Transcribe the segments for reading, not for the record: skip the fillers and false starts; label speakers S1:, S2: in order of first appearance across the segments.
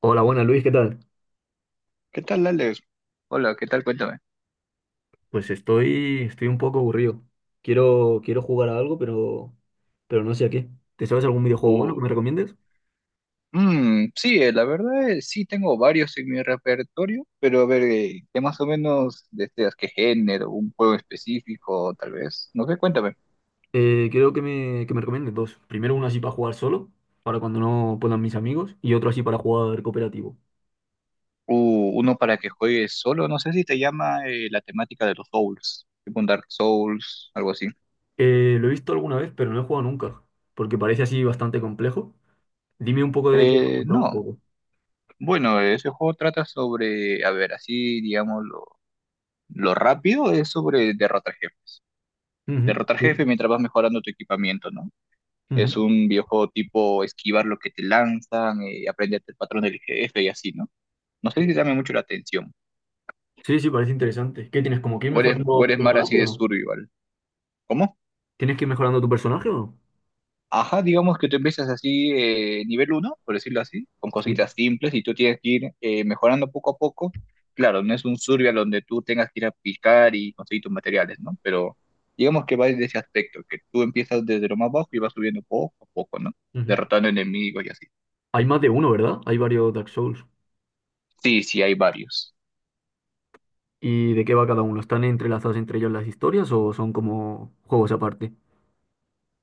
S1: Hola, buenas Luis, ¿qué tal?
S2: ¿Qué tal, Alex? Hola, ¿qué tal? Cuéntame.
S1: Pues estoy un poco aburrido. Quiero jugar a algo, pero no sé a qué. ¿Te sabes algún videojuego bueno que
S2: Oh,
S1: me recomiendes?
S2: mm, sí, la verdad sí tengo varios en mi repertorio, pero a ver, ¿qué más o menos deseas? ¿Qué género? ¿Un juego específico, tal vez? No sé, cuéntame.
S1: Quiero que me recomiendes dos. Primero uno así para jugar solo, para cuando no puedan mis amigos, y otro así para jugar cooperativo.
S2: Uno para que juegues solo, no sé si te llama la temática de los Souls, tipo un Dark Souls, algo así.
S1: Lo he visto alguna vez, pero no he jugado nunca, porque parece así bastante complejo. Dime un poco de qué va, contame un
S2: No,
S1: poco.
S2: bueno, ese juego trata sobre, a ver, así, digamos, lo rápido es sobre derrotar jefes.
S1: Ujú,
S2: Derrotar jefes
S1: sí,
S2: mientras vas mejorando tu equipamiento, ¿no? Es
S1: ujú,
S2: un videojuego tipo esquivar lo que te lanzan, aprenderte el patrón del jefe y así, ¿no? No sé si
S1: sí.
S2: llama mucho la atención.
S1: Sí, sí, parece interesante. ¿Qué tienes? ¿Como que ir
S2: O eres,
S1: mejorando
S2: o
S1: tu
S2: eres más así
S1: personaje o
S2: de
S1: no?
S2: survival. ¿Cómo?
S1: ¿Tienes que ir mejorando tu personaje o no?
S2: Ajá, digamos que tú empiezas así, nivel uno por decirlo así, con
S1: Sí.
S2: cositas simples y tú tienes que ir mejorando poco a poco. Claro, no es un survival donde tú tengas que ir a picar y conseguir tus materiales, ¿no? Pero digamos que va desde ese aspecto, que tú empiezas desde lo más bajo y vas subiendo poco a poco, ¿no?
S1: Ujú.
S2: Derrotando enemigos y así.
S1: Hay más de uno, ¿verdad? Hay varios Dark Souls.
S2: Sí, sí, hay varios.
S1: ¿Y de qué va cada uno? ¿Están entrelazadas entre ellos las historias o son como juegos aparte?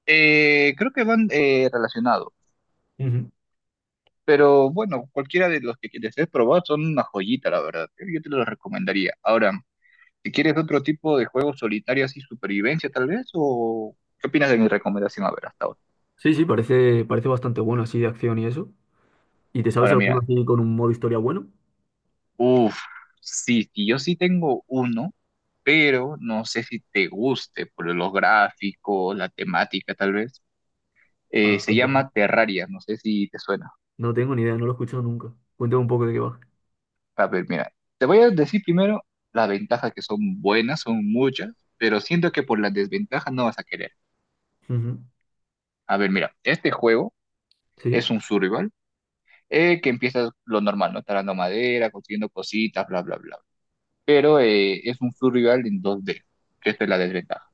S2: Creo que van relacionados,
S1: Ujú.
S2: pero bueno, cualquiera de los que desees probar son una joyita, la verdad. ¿Eh? Yo te los recomendaría. Ahora, si quieres otro tipo de juegos solitarios y supervivencia, tal vez, o qué opinas de mi recomendación, a ver, hasta ahora.
S1: Sí, sí, parece, parece bastante bueno así de acción y eso. ¿Y te sabes
S2: Ahora,
S1: alguno
S2: mira,
S1: así con un modo historia bueno?
S2: uff, sí, sí, yo sí tengo uno, pero no sé si te guste por los gráficos, la temática, tal vez.
S1: Ah,
S2: Se
S1: cuéntame.
S2: llama Terraria, no sé si te suena.
S1: No tengo ni idea, no lo he escuchado nunca. Cuéntame un poco de qué va.
S2: A ver, mira, te voy a decir primero las ventajas que son buenas, son muchas, pero siento que por las desventajas no vas a querer.
S1: Ujú.
S2: A ver, mira, este juego
S1: Sí,
S2: es un survival que empiezas lo normal, ¿no? Talando madera, consiguiendo cositas, bla, bla, bla. Pero es un survival en 2D, que esta es la desventaja.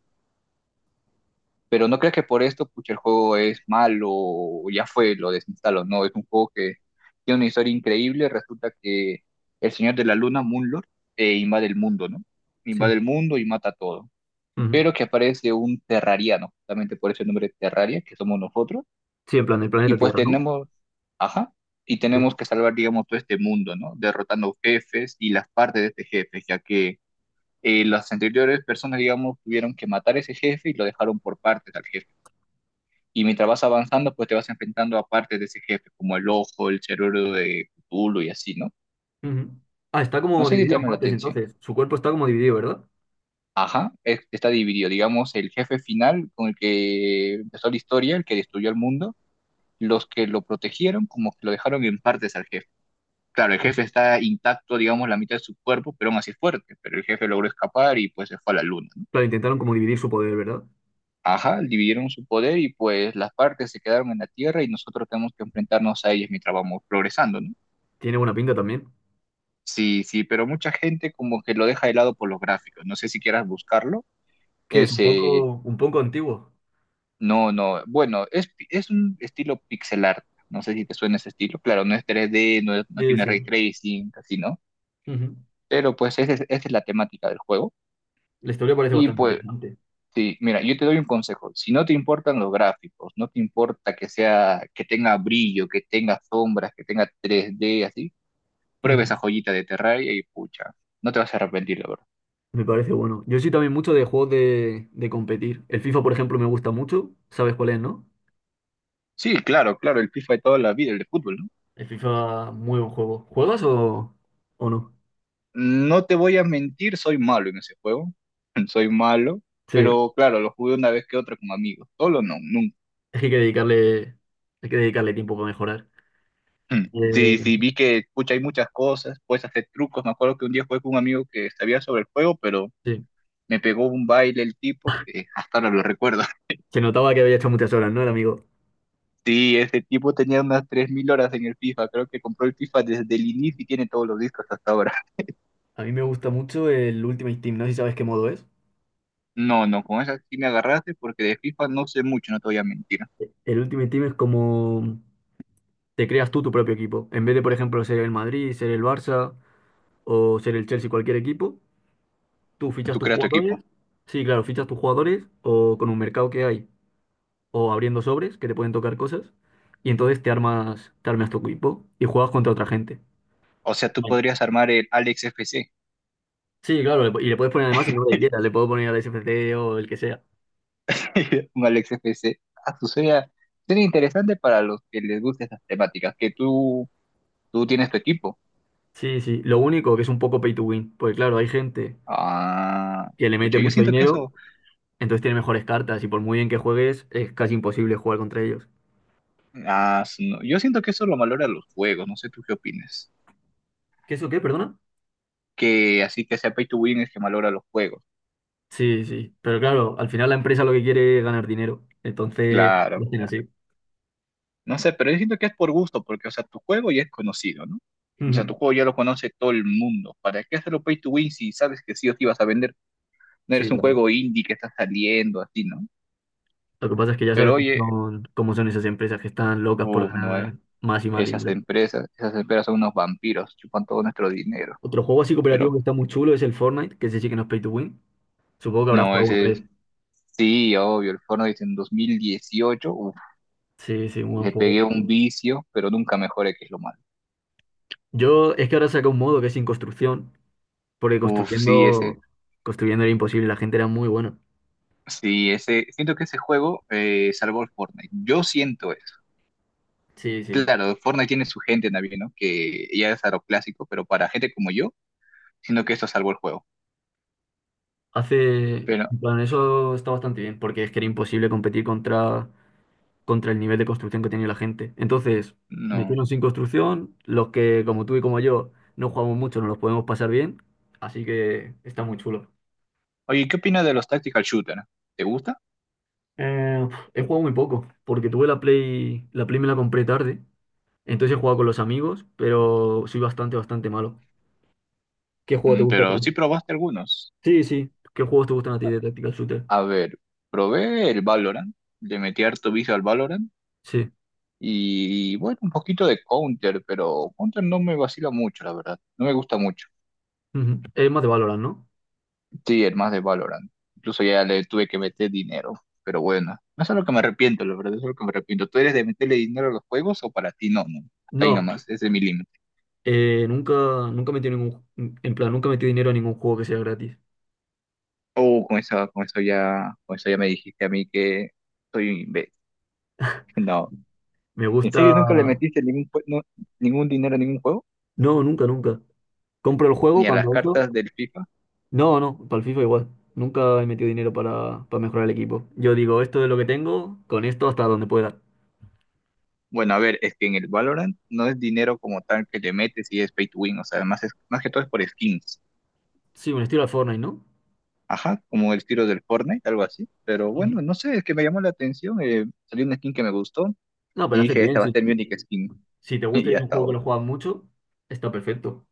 S2: Pero no creas que por esto, pucha, el juego es malo o ya fue, lo desinstalo. No, es un juego que tiene una historia increíble. Resulta que el Señor de la Luna, Moonlord, invade el mundo, ¿no?
S1: sí.
S2: Invade el mundo y mata todo,
S1: Ujú.
S2: pero que aparece un terrariano, justamente por ese nombre Terraria, que somos nosotros,
S1: Sí, en plan del
S2: y
S1: planeta
S2: pues
S1: Tierra, ¿no?
S2: tenemos, ajá, y
S1: Sí.
S2: tenemos que salvar, digamos, todo este mundo, ¿no? Derrotando jefes y las partes de este jefe, ya que las anteriores personas, digamos, tuvieron que matar a ese jefe y lo dejaron por partes al jefe. Y mientras vas avanzando, pues te vas enfrentando a partes de ese jefe, como el ojo, el cerebro de Cthulhu y así, ¿no?
S1: Ujú. Ah, está
S2: No
S1: como
S2: sé si te
S1: dividido en
S2: llama la
S1: partes
S2: atención.
S1: entonces. Su cuerpo está como dividido, ¿verdad?
S2: Ajá, está dividido, digamos, el jefe final con el que empezó la historia, el que destruyó el mundo, los que lo protegieron como que lo dejaron en partes al jefe. Claro, el
S1: Ujú.
S2: jefe está intacto, digamos, la mitad de su cuerpo, pero aún así es fuerte, pero el jefe logró escapar y pues se fue a la luna, ¿no?
S1: Claro, intentaron como dividir su poder, ¿verdad?
S2: Ajá, dividieron su poder y pues las partes se quedaron en la Tierra y nosotros tenemos que enfrentarnos a ellas mientras vamos progresando, ¿no?
S1: Tiene buena pinta también.
S2: Sí, sí, pero mucha gente como que lo deja de lado por los gráficos, no sé si quieras buscarlo,
S1: Que es
S2: ese,
S1: un poco antiguo.
S2: no, no, bueno, es un estilo pixel art, no sé si te suena ese estilo, claro, no es 3D, no, no
S1: Sí,
S2: tiene ray
S1: sí.
S2: tracing, así, ¿no?
S1: Ujú.
S2: Pero pues esa es la temática del juego.
S1: La historia parece
S2: Y
S1: bastante
S2: pues,
S1: interesante.
S2: sí, mira, yo te doy un consejo. Si no te importan los gráficos, no te importa que sea, que tenga brillo, que tenga sombras, que tenga 3D, así, prueba
S1: Ujú.
S2: esa joyita de Terraria y pucha, no te vas a arrepentir, la verdad.
S1: Me parece bueno. Yo soy también mucho de juegos de competir. El FIFA, por ejemplo, me gusta mucho. ¿Sabes cuál es, no?
S2: Sí, claro, claro, el FIFA de toda la vida, el de fútbol, ¿no?
S1: El FIFA, muy buen juego. ¿Juegas o no?
S2: No te voy a mentir, soy malo en ese juego. Soy malo,
S1: Sí.
S2: pero claro, lo jugué una vez que otra con amigos. Solo no, nunca.
S1: Es que hay que dedicarle tiempo para mejorar.
S2: Mm, sí, sí,
S1: Eh,
S2: vi que, pucha, hay muchas cosas, puedes hacer trucos. Me acuerdo que un día jugué con un amigo que sabía sobre el juego, pero
S1: sí.
S2: me pegó un baile el tipo, que hasta ahora lo recuerdo.
S1: Se notaba que había hecho muchas horas, ¿no? El amigo.
S2: Sí, ese tipo tenía unas 3,000 horas en el FIFA. Creo que compró el FIFA desde el inicio y tiene todos los discos hasta ahora.
S1: A mí me gusta mucho el Ultimate Team. No sé si sabes qué modo es.
S2: No, no, con esa sí me agarraste porque de FIFA no sé mucho, no te voy a mentir.
S1: El Ultimate Team es como te creas tú tu propio equipo. En vez de, por ejemplo, ser el Madrid, ser el Barça o ser el Chelsea, cualquier equipo. ¿Tú fichas
S2: Tú
S1: tus
S2: creas tu equipo.
S1: jugadores? Sí, claro, fichas tus jugadores o con un mercado que hay o abriendo sobres que te pueden tocar cosas y entonces te armas tu equipo y juegas contra otra gente.
S2: O sea, tú
S1: Online.
S2: podrías armar el Alex FC.
S1: Sí, claro, le po- y le puedes poner además el nombre que quieras, le puedo poner al SFC o el que sea.
S2: Un Alex FC. Ah, sería interesante para los que les gusten esas temáticas, que tú tienes tu equipo.
S1: Sí, sí, lo único que es un poco pay to win, porque claro, hay gente
S2: Ah,
S1: que le mete
S2: pucha, yo
S1: mucho
S2: siento que
S1: dinero,
S2: eso,
S1: entonces tiene mejores cartas y por muy bien que juegues es casi imposible jugar contra ellos.
S2: no, yo siento que eso lo valora los juegos, no sé tú qué opinas.
S1: ¿Qué es o qué, perdona?
S2: Que así que sea pay to win es que valora los juegos.
S1: Sí, sí, pero claro, al final la empresa lo que quiere es ganar dinero, entonces
S2: Claro,
S1: lo hacen
S2: claro.
S1: así.
S2: No sé, pero yo siento que es por gusto, porque, o sea, tu juego ya es conocido, ¿no? O sea, tu
S1: Ujú.
S2: juego ya lo conoce todo el mundo. ¿Para qué hacerlo pay to win si sabes que sí o sí vas a vender? No
S1: Sí,
S2: eres un juego indie que está saliendo, así, ¿no?
S1: lo que pasa es que ya
S2: Pero
S1: sabes
S2: oye,
S1: cómo son esas empresas que están locas por
S2: uff, no,
S1: ganar más y más
S2: Esas
S1: dinero.
S2: empresas, esas empresas son unos vampiros, chupan todo nuestro dinero.
S1: Otro juego así cooperativo
S2: Pero
S1: que está muy chulo es el Fortnite, que ese sí que no es pay to win. Supongo que habrás
S2: no,
S1: jugado una
S2: ese
S1: vez.
S2: sí, obvio, el Fortnite en 2018, uf,
S1: Sí, sí, un buen
S2: le pegué
S1: juego.
S2: un vicio, pero nunca mejoré, que es lo malo.
S1: Yo es que ahora saca un modo que es sin construcción, porque
S2: Uf, sí,
S1: construyendo, construyendo era imposible, la gente era muy buena.
S2: sí, siento que ese juego salvó el Fortnite. Yo siento eso.
S1: Sí, sí.
S2: Claro, Fortnite tiene su gente también, ¿no? Que ya es a lo clásico, pero para gente como yo, siento que esto salvó el juego.
S1: Hace,
S2: Pero
S1: en plan, eso está bastante bien, porque es que era imposible competir contra el nivel de construcción que tenía la gente. Entonces,
S2: no.
S1: metieron sin construcción, los que como tú y como yo no jugamos mucho, no los podemos pasar bien, así que está muy chulo.
S2: Oye, ¿qué opinas de los tactical shooter? ¿Te gusta?
S1: Eh, he jugado muy poco, porque tuve la Play me la compré tarde, entonces he jugado con los amigos, pero soy bastante, bastante malo. ¿Qué juego te gusta a
S2: Pero
S1: ti?
S2: sí probaste algunos.
S1: Sí, sí. ¿Qué juegos te gustan a ti de Tactical Shooter?
S2: A ver, probé el Valorant, le metí harto vicio al Valorant.
S1: Sí.
S2: Y bueno, un poquito de Counter, pero Counter no me vacila mucho, la verdad. No me gusta mucho.
S1: Ujú. Es más de Valorant, ¿no?
S2: Sí, el más de Valorant. Incluso ya le tuve que meter dinero. Pero bueno, no es algo que me arrepiento, la verdad, es algo que me arrepiento. ¿Tú eres de meterle dinero a los juegos o para ti no? Hasta ahí
S1: No,
S2: nomás, ese es mi límite.
S1: nunca, nunca metí ningún, en plan, nunca metí dinero a ningún juego que sea gratis.
S2: Oh, con eso ya me dijiste a mí que soy un imbécil. No.
S1: Me
S2: ¿En
S1: gusta.
S2: serio nunca le metiste ningún dinero a ningún juego?
S1: No, nunca, nunca. Compro el juego
S2: ¿Ni a las
S1: cuando eso.
S2: cartas del FIFA?
S1: No, no, para el FIFA igual. Nunca he metido dinero para mejorar el equipo. Yo digo, esto es lo que tengo, con esto hasta donde pueda.
S2: Bueno, a ver, es que en el Valorant no es dinero como tal que le metes y es pay to win, o sea, más que todo es por skins.
S1: Sí, un estilo al Fortnite, ¿no?
S2: Ajá, como el tiro del Fortnite, algo así. Pero
S1: Ujú.
S2: bueno, no sé, es que me llamó la atención. Salió una skin que me gustó
S1: No, pero
S2: y
S1: hace
S2: dije, esta
S1: bien.
S2: va a
S1: Si,
S2: ser mi única skin.
S1: si te gusta
S2: Y
S1: y es un
S2: hasta
S1: juego que
S2: ahora.
S1: lo juegas mucho, está perfecto.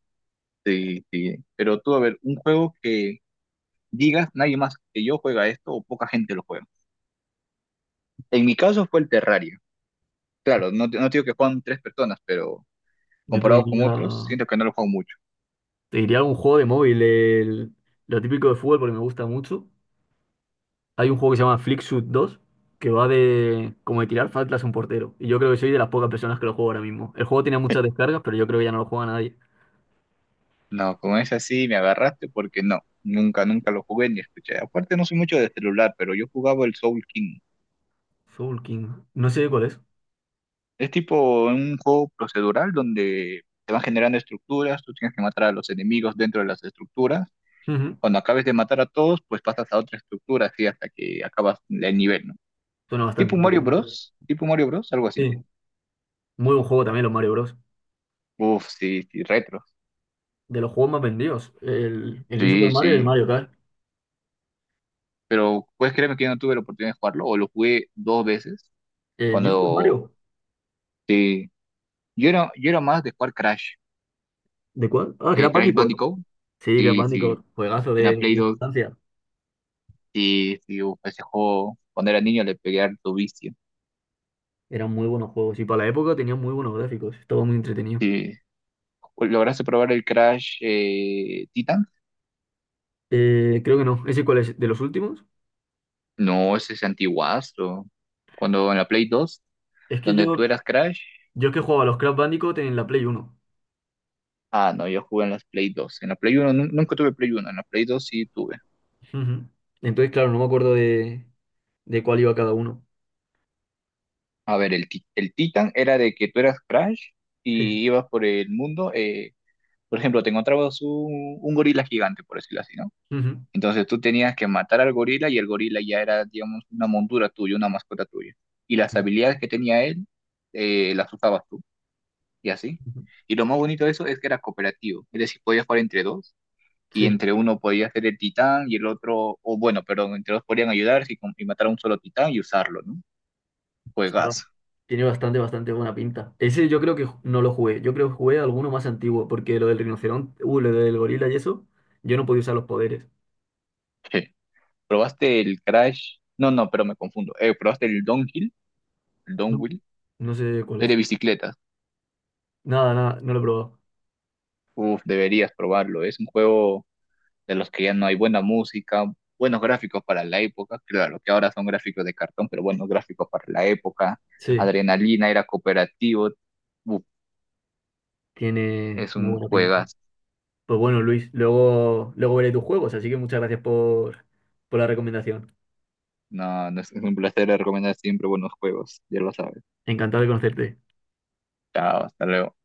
S2: Sí, sí. Pero tú, a ver, un juego que digas, nadie más que yo juega esto o poca gente lo juega. En mi caso fue el Terraria. Claro, no te digo que juegan tres personas, pero
S1: Yo
S2: comparado con otros, siento que no lo juego mucho.
S1: te diría algún juego de móvil, el- lo típico de fútbol, porque me gusta mucho. Hay un juego que se llama Flicksuit 2, que va de como de tirar faltas a un portero. Y yo creo que soy de las pocas personas que lo juego ahora mismo. El juego tiene muchas descargas, pero yo creo que ya no lo juega nadie.
S2: No, con esa sí me agarraste porque no, nunca lo jugué ni escuché. Aparte no soy mucho de celular, pero yo jugaba el Soul King.
S1: Soul King. No sé cuál es.
S2: Es tipo un juego procedural donde te van generando estructuras, tú tienes que matar a los enemigos dentro de las estructuras.
S1: Ujú.
S2: Cuando acabes de matar a todos, pues pasas a otra estructura así hasta que acabas el nivel, ¿no?
S1: Suena bastante interesante.
S2: Tipo Mario Bros, algo así.
S1: Sí. Muy buen juego también los Mario Bros.
S2: Uf, sí, sí, retro.
S1: De los juegos más vendidos. El New Super
S2: Sí,
S1: Mario y el
S2: sí.
S1: Mario Kart.
S2: Pero puedes creerme que yo no tuve la oportunidad de jugarlo, o lo jugué dos veces
S1: ¿El New Super
S2: cuando...
S1: Mario?
S2: Sí, yo era más de jugar Crash,
S1: ¿De cuál? Ah,
S2: de
S1: Crash
S2: Crash
S1: Bandicoot.
S2: Bandicoot,
S1: Sí, Crash
S2: sí, sí,
S1: Bandicoot. Juegazo
S2: era Play
S1: de
S2: 2,
S1: sustancia.
S2: sí, sí, uf, ese juego, cuando era niño le pegué harto vicio,
S1: Eran muy buenos juegos. Y para la época tenían muy buenos gráficos. Estaba muy entretenido.
S2: sí. ¿Lograste probar el Crash Titan?
S1: Creo que no. ¿Ese cuál es? ¿De los últimos?
S2: No, ese es antiguazo, cuando en la Play 2,
S1: Es que
S2: donde tú
S1: yo,
S2: eras Crash,
S1: yo es que jugaba a los Crash Bandicoot en la Play Uno.
S2: ah, no, yo jugué en las Play 2, en la Play 1, nunca tuve Play 1, en la Play 2 sí tuve.
S1: Ujú. Entonces, claro, no me acuerdo de cuál iba cada uno.
S2: A ver, el Titan era de que tú eras Crash
S1: Sí.
S2: y ibas por el mundo, por ejemplo, te encontrabas un gorila gigante, por decirlo así, ¿no?
S1: Ujú.
S2: Entonces tú tenías que matar al gorila y el gorila ya era, digamos, una montura tuya, una mascota tuya. Y las habilidades que tenía él, las usabas tú y así.
S1: Ujú.
S2: Y lo más bonito de eso es que era cooperativo, es decir, podías jugar entre dos y
S1: Sí.
S2: entre uno podía ser el titán y el otro, o bueno, perdón, entre dos podían ayudarse y, y matar a un solo titán y usarlo, ¿no?
S1: Buah,
S2: Juegazo.
S1: tiene bastante, bastante buena pinta. Ese yo creo que ju- no lo jugué. Yo creo que jugué alguno más antiguo, porque lo del rinoceronte, lo del gorila y eso, yo no podía usar los poderes.
S2: Je. ¿Probaste el Crash? No, no, pero me confundo. ¿Probaste el Downhill? El
S1: No.
S2: Downwheel.
S1: No sé cuál
S2: Es de
S1: es.
S2: bicicletas.
S1: Nada, nada, no lo he probado.
S2: Uf, deberías probarlo. Es un juego de los que ya no hay buena música, buenos gráficos para la época, claro, que ahora son gráficos de cartón, pero buenos gráficos para la época,
S1: Sí,
S2: Adrenalina era cooperativo, Uf,
S1: tiene,
S2: es
S1: tiene
S2: un
S1: buena pinta.
S2: juegas,
S1: Pues bueno, Luis, luego, luego veré tus juegos, así que muchas gracias por la recomendación.
S2: no, es un placer recomendar siempre buenos juegos, ya lo sabes,
S1: Encantado de conocerte.
S2: chao, hasta luego.